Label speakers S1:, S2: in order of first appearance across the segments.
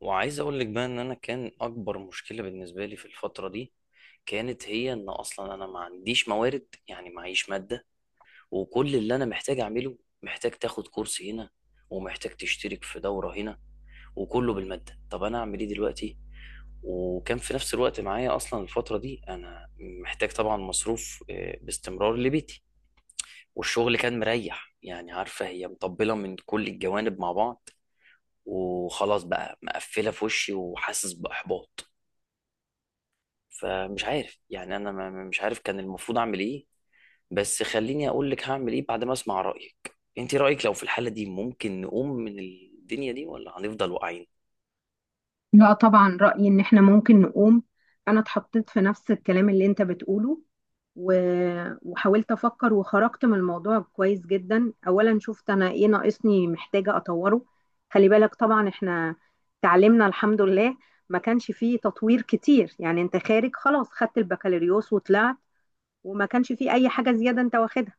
S1: وعايز اقول لك بقى ان انا كان اكبر مشكله بالنسبه لي في الفتره دي كانت هي ان اصلا انا ما عنديش موارد، معيش ماده. وكل اللي انا محتاج اعمله، محتاج تاخد كورس هنا ومحتاج تشترك في دوره هنا، وكله بالماده. طب انا اعمل ايه دلوقتي؟ وكان في نفس الوقت معايا اصلا الفتره دي، انا محتاج طبعا مصروف باستمرار لبيتي، والشغل كان مريح، عارفه هي مطبله من كل الجوانب مع بعض. وخلاص بقى مقفله في وشي وحاسس باحباط. فمش عارف، يعني انا ما- مش عارف كان المفروض اعمل ايه. بس خليني اقول لك هعمل ايه بعد ما اسمع رايك. انت رايك لو في الحاله دي ممكن نقوم من الدنيا دي ولا هنفضل واقعين؟
S2: لا، طبعا رأيي ان احنا ممكن نقوم. انا اتحطيت في نفس الكلام اللي انت بتقوله و... وحاولت افكر وخرجت من الموضوع كويس جدا. اولا شفت انا ايه ناقصني، محتاجة اطوره. خلي بالك، طبعا احنا تعلمنا الحمد لله، ما كانش فيه تطوير كتير، يعني انت خارج خلاص، خدت البكالوريوس وطلعت، وما كانش فيه اي حاجة زيادة انت واخدها.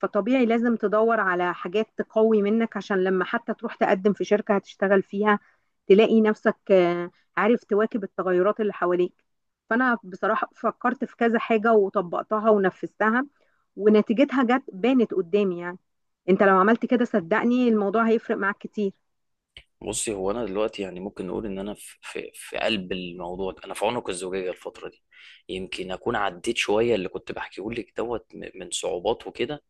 S2: فطبيعي لازم تدور على حاجات تقوي منك، عشان لما حتى تروح تقدم في شركة هتشتغل فيها تلاقي نفسك عارف تواكب التغيرات اللي حواليك. فأنا بصراحة فكرت في كذا حاجة وطبقتها ونفذتها، ونتيجتها جت بانت قدامي يعني. انت لو عملت كده صدقني الموضوع هيفرق معاك كتير.
S1: بصي، هو انا دلوقتي يعني ممكن نقول ان انا في قلب الموضوع ده، انا في عنق الزجاجه الفتره دي. يمكن اكون عديت شويه اللي كنت بحكيه لك دوت من صعوبات وكده،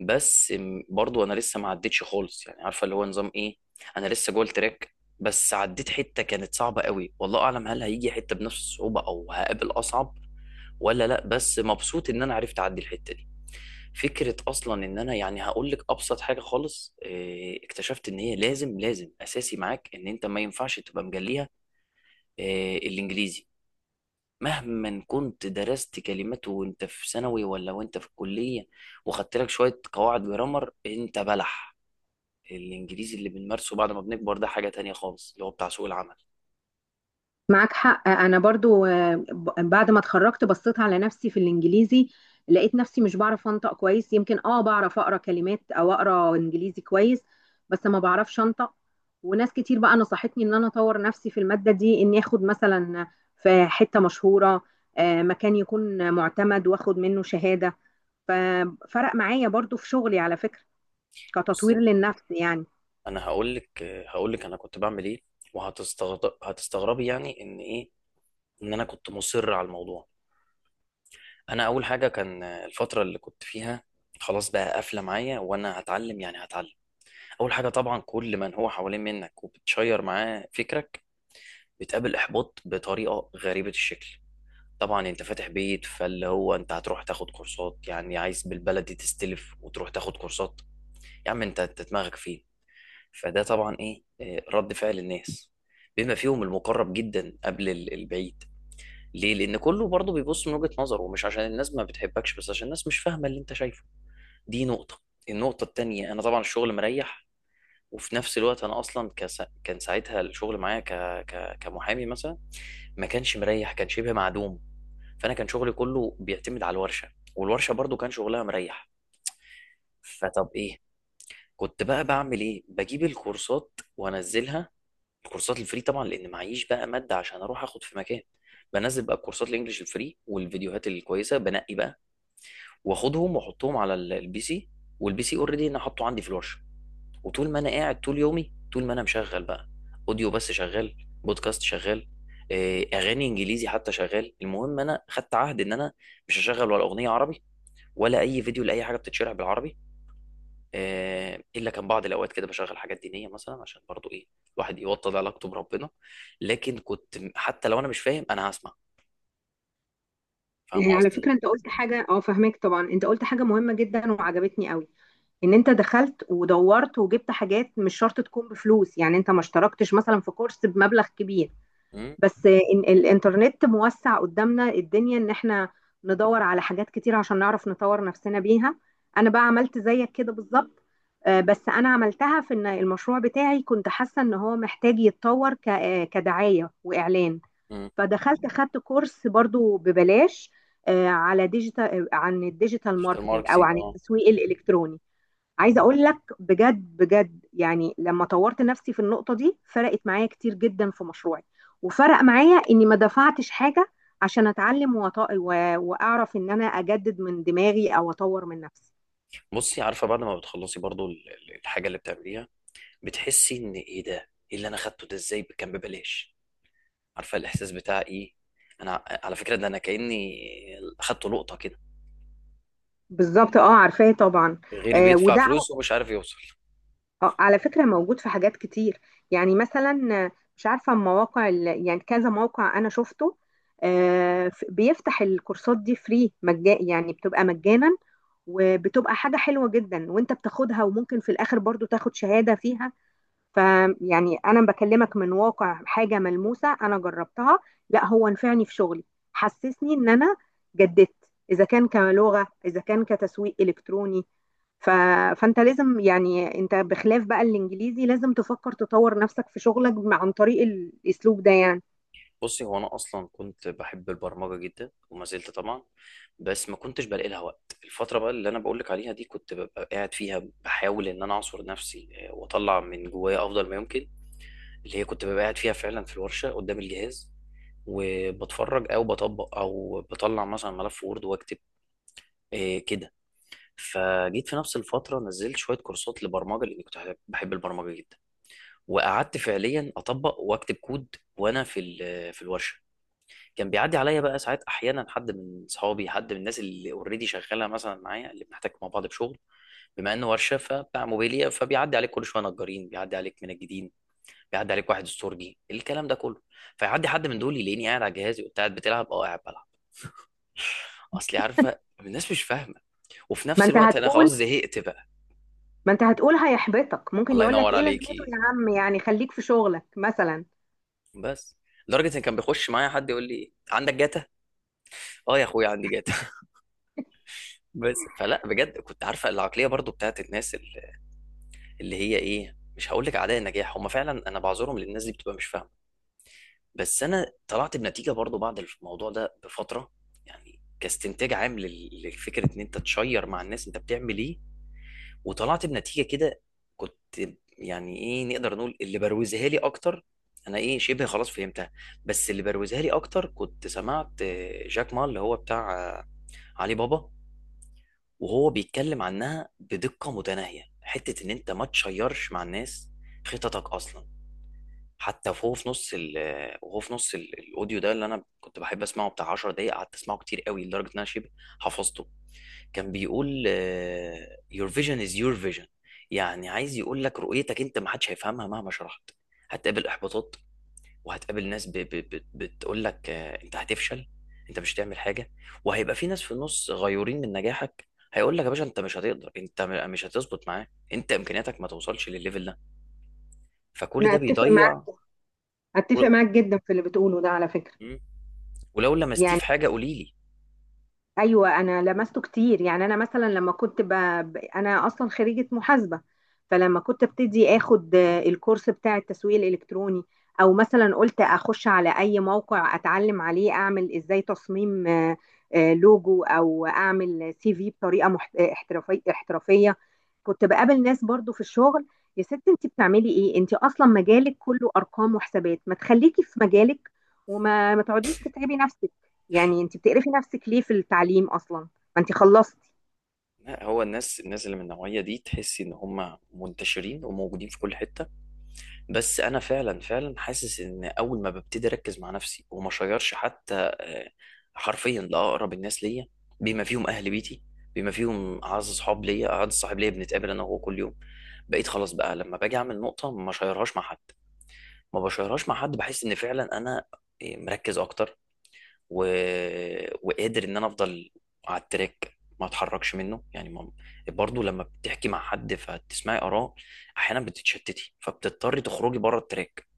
S1: بس برضو انا لسه ما عدتش خالص. يعني عارفه اللي هو نظام ايه، انا لسه جوه التراك، بس عديت حته كانت صعبه قوي، والله اعلم هل هيجي حته بنفس الصعوبه او هقابل اصعب ولا لا. بس مبسوط ان انا عرفت اعدي الحته دي. فكره اصلا ان انا يعني هقول لك ابسط حاجه خالص، اكتشفت ان هي لازم، لازم اساسي معاك، ان انت ما ينفعش تبقى مجليها، الانجليزي. مهما كنت درست كلمات وانت في ثانوي ولا وانت في الكلية وخدت لك شوية قواعد جرامر، انت بلح. الانجليزي اللي بنمارسه بعد ما بنكبر، ده حاجة تانية خالص، اللي هو بتاع سوق العمل.
S2: معاك حق، انا برضو بعد ما اتخرجت بصيت على نفسي في الانجليزي، لقيت نفسي مش بعرف انطق كويس، يمكن بعرف اقرا كلمات او اقرا انجليزي كويس، بس ما بعرفش انطق. وناس كتير بقى نصحتني ان انا اطور نفسي في المادة دي، اني اخد مثلا في حتة مشهورة، مكان يكون معتمد واخد منه شهادة. ففرق معايا برضو في شغلي على فكرة، كتطوير
S1: بصي
S2: للنفس يعني.
S1: انا هقول لك، هقول لك انا كنت بعمل ايه، وهتستغرب، هتستغربي يعني ان ايه، ان انا كنت مصر على الموضوع. انا اول حاجة، كان الفترة اللي كنت فيها خلاص بقى قافلة معايا، وانا هتعلم هتعلم. اول حاجة، طبعا كل من هو حوالين منك وبتشير معاه فكرك، بتقابل احباط بطريقه غريبه الشكل. طبعا انت فاتح بيت، فاللي هو انت هتروح تاخد كورسات، يعني عايز بالبلدي تستلف وتروح تاخد كورسات؟ يا عم انت، دماغك فين؟ فده طبعا ايه، رد فعل الناس، بما فيهم المقرب جدا قبل البعيد. ليه؟ لان كله برضه بيبص من وجهة نظره، ومش عشان الناس ما بتحبكش، بس عشان الناس مش فاهمه اللي انت شايفه. دي نقطه. النقطه التانيه، انا طبعا الشغل مريح، وفي نفس الوقت انا اصلا كان ساعتها الشغل معايا كمحامي مثلا ما كانش مريح، كان شبه معدوم. فانا كان شغلي كله بيعتمد على الورشه، والورشه برضو كان شغلها مريح. فطب ايه كنت بقى بعمل ايه؟ بجيب الكورسات وانزلها، الكورسات الفري طبعا، لان معيش بقى ماده عشان اروح اخد في مكان. بنزل بقى الكورسات الانجليش الفري والفيديوهات الكويسه، بنقي بقى واخدهم واحطهم على البي سي، والبي سي اوريدي انا حاطه عندي في الورشه. وطول ما انا قاعد طول يومي، طول ما انا مشغل بقى اوديو بس شغال، بودكاست شغال، اغاني انجليزي حتى شغال. المهم انا خدت عهد ان انا مش هشغل ولا اغنيه عربي ولا اي فيديو لاي حاجه بتتشرح بالعربي، الا كان بعض الاوقات كده بشغل حاجات دينيه مثلا، عشان برضو ايه، الواحد يوطد علاقته بربنا. لكن كنت حتى لو انا مش فاهم، انا هسمع. فاهم
S2: يعني على
S1: قصدي؟
S2: فكرة انت قلت حاجة، اه فهمك طبعا، انت قلت حاجة مهمة جدا وعجبتني قوي، ان انت دخلت ودورت وجبت حاجات مش شرط تكون بفلوس، يعني انت ما اشتركتش مثلا في كورس بمبلغ كبير،
S1: امم
S2: بس إن الانترنت موسع قدامنا الدنيا، ان احنا ندور على حاجات كتير عشان نعرف نطور نفسنا بيها. انا بقى عملت زيك كده بالظبط. بس انا عملتها في ان المشروع بتاعي كنت حاسة ان هو محتاج يتطور كدعاية واعلان. فدخلت خدت كورس برضو ببلاش، على ديجيتال، عن الديجيتال
S1: ديجيتال
S2: ماركتينج، او
S1: ماركتنج،
S2: عن
S1: اه.
S2: التسويق الالكتروني. عايزه اقول لك بجد بجد، يعني لما طورت نفسي في النقطه دي فرقت معايا كتير جدا في مشروعي، وفرق معايا اني ما دفعتش حاجه عشان اتعلم واعرف ان انا اجدد من دماغي او اطور من نفسي.
S1: بصي، عارفه بعد ما بتخلصي برضو الحاجه اللي بتعمليها، بتحسي ان ايه ده، ايه اللي انا خدته ده، ازاي كان ببلاش؟ عارفه الاحساس بتاع ايه؟ انا على فكره، ده انا كاني اخدت لقطه كده.
S2: بالظبط، اه، عارفاه طبعا.
S1: غيري
S2: آه
S1: بيدفع
S2: وده،
S1: فلوس ومش عارف يوصل.
S2: اه على فكرة موجود في حاجات كتير. يعني مثلا مش عارفة مواقع يعني كذا موقع أنا شفته، بيفتح الكورسات دي فري مجانا، يعني بتبقى مجانا، وبتبقى حاجة حلوة جدا وانت بتاخدها، وممكن في الآخر برضو تاخد شهادة فيها. فيعني أنا بكلمك من واقع حاجة ملموسة أنا جربتها. لا، هو نفعني في شغلي، حسسني إن أنا جددت، إذا كان كلغة إذا كان كتسويق إلكتروني. ف... فانت لازم، يعني انت بخلاف بقى الانجليزي لازم تفكر تطور نفسك في شغلك عن طريق الاسلوب ده يعني.
S1: بصي، هو انا اصلا كنت بحب البرمجه جدا، وما زلت طبعا. بس ما كنتش بلاقي لها وقت. الفتره بقى اللي انا بقول لك عليها دي كنت ببقى قاعد فيها بحاول ان انا اعصر نفسي، واطلع من جوايا افضل ما يمكن. اللي هي كنت ببقى قاعد فيها فعلا في الورشه قدام الجهاز، وبتفرج او بطبق او بطلع مثلا ملف وورد واكتب، كده. فجيت في نفس الفترة نزلت شوية كورسات لبرمجة، لأني كنت بحب البرمجة جدا. وقعدت فعليا أطبق وأكتب كود وأنا في الورشة. كان بيعدي عليا بقى ساعات، أحيانا حد من صحابي، حد من الناس اللي اوريدي شغالة مثلا معايا، اللي بنحتاج مع بعض بشغل. بما إنه ورشة فبتاع موبيليا، فبيعدي عليك كل شوية نجارين، بيعدي عليك منجدين، بيعدي عليك واحد استورجي، الكلام ده كله. فيعدي حد من دول يلاقيني قاعد على جهازي وقلت: قاعد بتلعب؟ أه قاعد بلعب. أصلي عارفة الناس مش فاهمة، وفي
S2: ما
S1: نفس
S2: انت
S1: الوقت أنا خلاص
S2: هتقول
S1: زهقت بقى.
S2: ما انت هتقول هيحبطك، ممكن
S1: الله
S2: يقول لك
S1: ينور
S2: ايه لازمته
S1: عليكي.
S2: يا عم، يعني خليك في شغلك مثلا.
S1: بس لدرجه ان كان بيخش معايا حد يقول لي: عندك جاتا؟ اه يا اخويا عندي جاتا. بس، فلا بجد، كنت عارفه العقليه برضو بتاعت الناس اللي هي ايه، مش هقول لك اعداء النجاح، هم فعلا انا بعذرهم، للناس دي بتبقى مش فاهمه. بس انا طلعت بنتيجه برضو بعد الموضوع ده بفتره، يعني كاستنتاج عام للفكره، ان انت تشير مع الناس انت بتعمل ايه. وطلعت بنتيجه كده، كنت يعني ايه نقدر نقول، اللي بروزها لي اكتر. انا ايه شبه خلاص فهمتها، بس اللي بروزها لي اكتر كنت سمعت، جاك ما، اللي هو بتاع علي بابا، وهو بيتكلم عنها بدقه متناهيه، حته ان انت ما تشيرش مع الناس خططك اصلا. حتى وهو في نص ال آه، وهو في نص الاوديو ده، اللي انا كنت بحب اسمعه بتاع 10 دقايق، قعدت اسمعه كتير قوي لدرجه ان انا شبه حفظته. كان بيقول your vision is your vision. يعني عايز يقول لك رؤيتك انت ما حدش هيفهمها مهما شرحت. هتقابل احباطات، وهتقابل ناس بتقول لك انت هتفشل، انت مش هتعمل حاجه. وهيبقى في ناس في النص غيورين من نجاحك، هيقول لك: يا باشا انت مش هتقدر، انت مش هتظبط معاه، انت امكانياتك ما توصلش للليفل ده. فكل
S2: انا
S1: ده
S2: اتفق
S1: بيضيع.
S2: معاك. اتفق
S1: قول-
S2: معاك جدا في اللي بتقوله ده، على فكرة.
S1: مم. ولو لمستيه
S2: يعني
S1: في حاجه قولي لي.
S2: ايوه، انا لمسته كتير، يعني انا مثلا لما كنت انا اصلا خريجه محاسبه. فلما كنت ابتدي اخد الكورس بتاع التسويق الالكتروني، او مثلا قلت اخش على اي موقع اتعلم عليه اعمل ازاي تصميم لوجو، او اعمل سي في بطريقه احترافيه احترافيه، كنت بقابل ناس برضو في الشغل: يا ست انت بتعملي ايه؟ انت اصلا مجالك كله ارقام وحسابات، ما تخليكي في مجالك، وما ما تقعديش تتعبي نفسك، يعني انت بتقرفي نفسك ليه في التعليم اصلا، ما انت خلصتي.
S1: لا، هو الناس، الناس اللي من النوعيه دي، تحس ان هم منتشرين وموجودين في كل حته. بس انا فعلا حاسس ان اول ما ببتدي اركز مع نفسي وما اشيرش حتى، آه، حرفيا لاقرب الناس ليا، بما فيهم اهل بيتي، بما فيهم اعز صحاب ليا، اعز صاحب ليا بنتقابل انا وهو كل يوم، بقيت خلاص بقى لما باجي اعمل نقطه ما اشيرهاش مع حد. ما بشيرهاش مع حد، بحس ان فعلا انا، مركز اكتر، و... وقادر ان انا افضل على التراك ما اتحركش منه، يعني ما... برضه لما بتحكي مع حد فتسمعي اراء، احيانا بتتشتتي فبتضطري تخرجي بره التراك.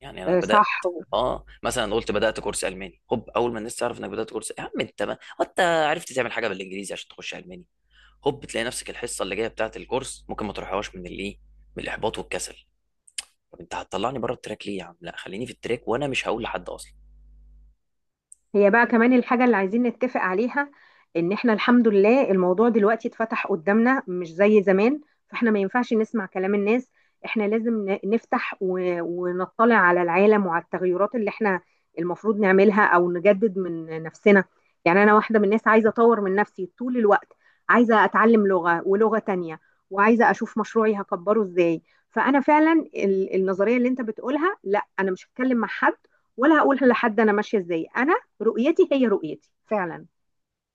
S1: يعني انا
S2: آه، صح.
S1: بدات، اه مثلا، قلت بدات كورس الماني، هوب اول ما الناس تعرف انك بدات كورس: يا عم انت، ما انت عرفت تعمل حاجه بالانجليزي عشان تخش الماني؟ هوب تلاقي نفسك الحصه اللي جايه بتاعه الكورس ممكن ما تروحهاش من الايه، من الاحباط والكسل. طب انت هتطلعني بره التراك ليه يا عم؟ لا خليني في التراك، وانا مش هقول لحد اصلا.
S2: هي بقى كمان الحاجة اللي عايزين نتفق عليها، ان احنا الحمد لله الموضوع دلوقتي اتفتح قدامنا، مش زي زمان. فاحنا ما ينفعش نسمع كلام الناس، احنا لازم نفتح ونطلع على العالم وعلى التغيرات اللي احنا المفروض نعملها او نجدد من نفسنا. يعني انا واحدة من الناس، عايزة اطور من نفسي طول الوقت، عايزة اتعلم لغة ولغة تانية، وعايزة اشوف مشروعي هكبره ازاي. فانا فعلا النظرية اللي انت بتقولها، لا انا مش هتكلم مع حد، ولا هقول لحد انا ماشيه ازاي، انا رؤيتي هي رؤيتي فعلا.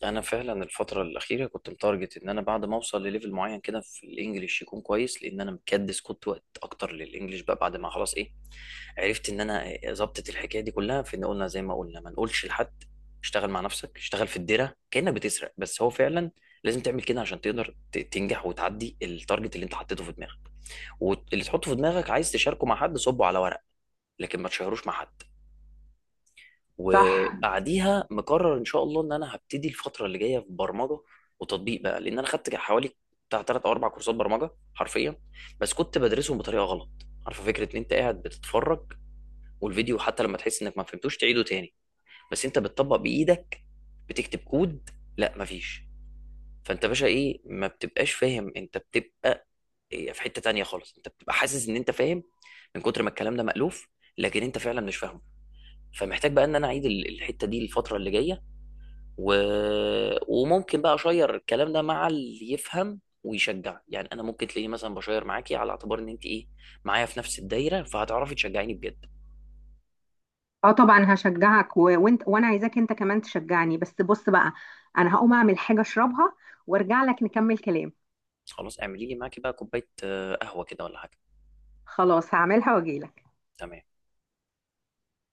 S1: انا فعلا الفتره الاخيره كنت متارجت ان انا بعد ما اوصل لليفل معين كده في الانجليش يكون كويس، لان انا مكدس كنت وقت اكتر للانجليش بقى. بعد ما خلاص ايه، عرفت ان انا ظبطت الحكايه دي كلها في ان قلنا زي ما قلنا، ما نقولش لحد. اشتغل مع نفسك، اشتغل في الديره كانك بتسرق. بس هو فعلا لازم تعمل كده عشان تقدر تنجح وتعدي التارجت اللي انت حطيته في دماغك. واللي تحطه في دماغك عايز تشاركه مع حد، صبه على ورق، لكن ما تشيروش مع حد.
S2: صح.
S1: وبعديها مقرر ان شاء الله ان انا هبتدي الفتره اللي جايه في برمجه وتطبيق بقى، لان انا خدت حوالي بتاع 3 او 4 كورسات برمجه حرفيا، بس كنت بدرسهم بطريقه غلط. عارفه فكره ان انت قاعد بتتفرج، والفيديو حتى لما تحس انك ما فهمتوش تعيده تاني، بس انت بتطبق بايدك، بتكتب كود؟ لا مفيش. فانت باشا ايه، ما بتبقاش فاهم، انت بتبقى في حته تانيه خالص، انت بتبقى حاسس ان انت فاهم من كتر ما الكلام ده مألوف، لكن انت فعلا مش فاهمه. فمحتاج بقى ان انا اعيد الحته دي الفتره اللي جايه، و... وممكن بقى اشير الكلام ده مع اللي يفهم ويشجع. يعني انا ممكن تلاقيني مثلا بشير معاكي على اعتبار ان انت ايه، معايا في نفس الدايره، فهتعرفي تشجعيني بجد.
S2: اه طبعا هشجعك وانت، وانا عايزاك انت كمان تشجعني، بس بص بقى، انا هقوم اعمل حاجة اشربها وارجع لك نكمل كلام.
S1: خلاص اعملي لي معاكي بقى كوبايه قهوه كده ولا حاجه.
S2: خلاص هعملها واجيلك.
S1: تمام.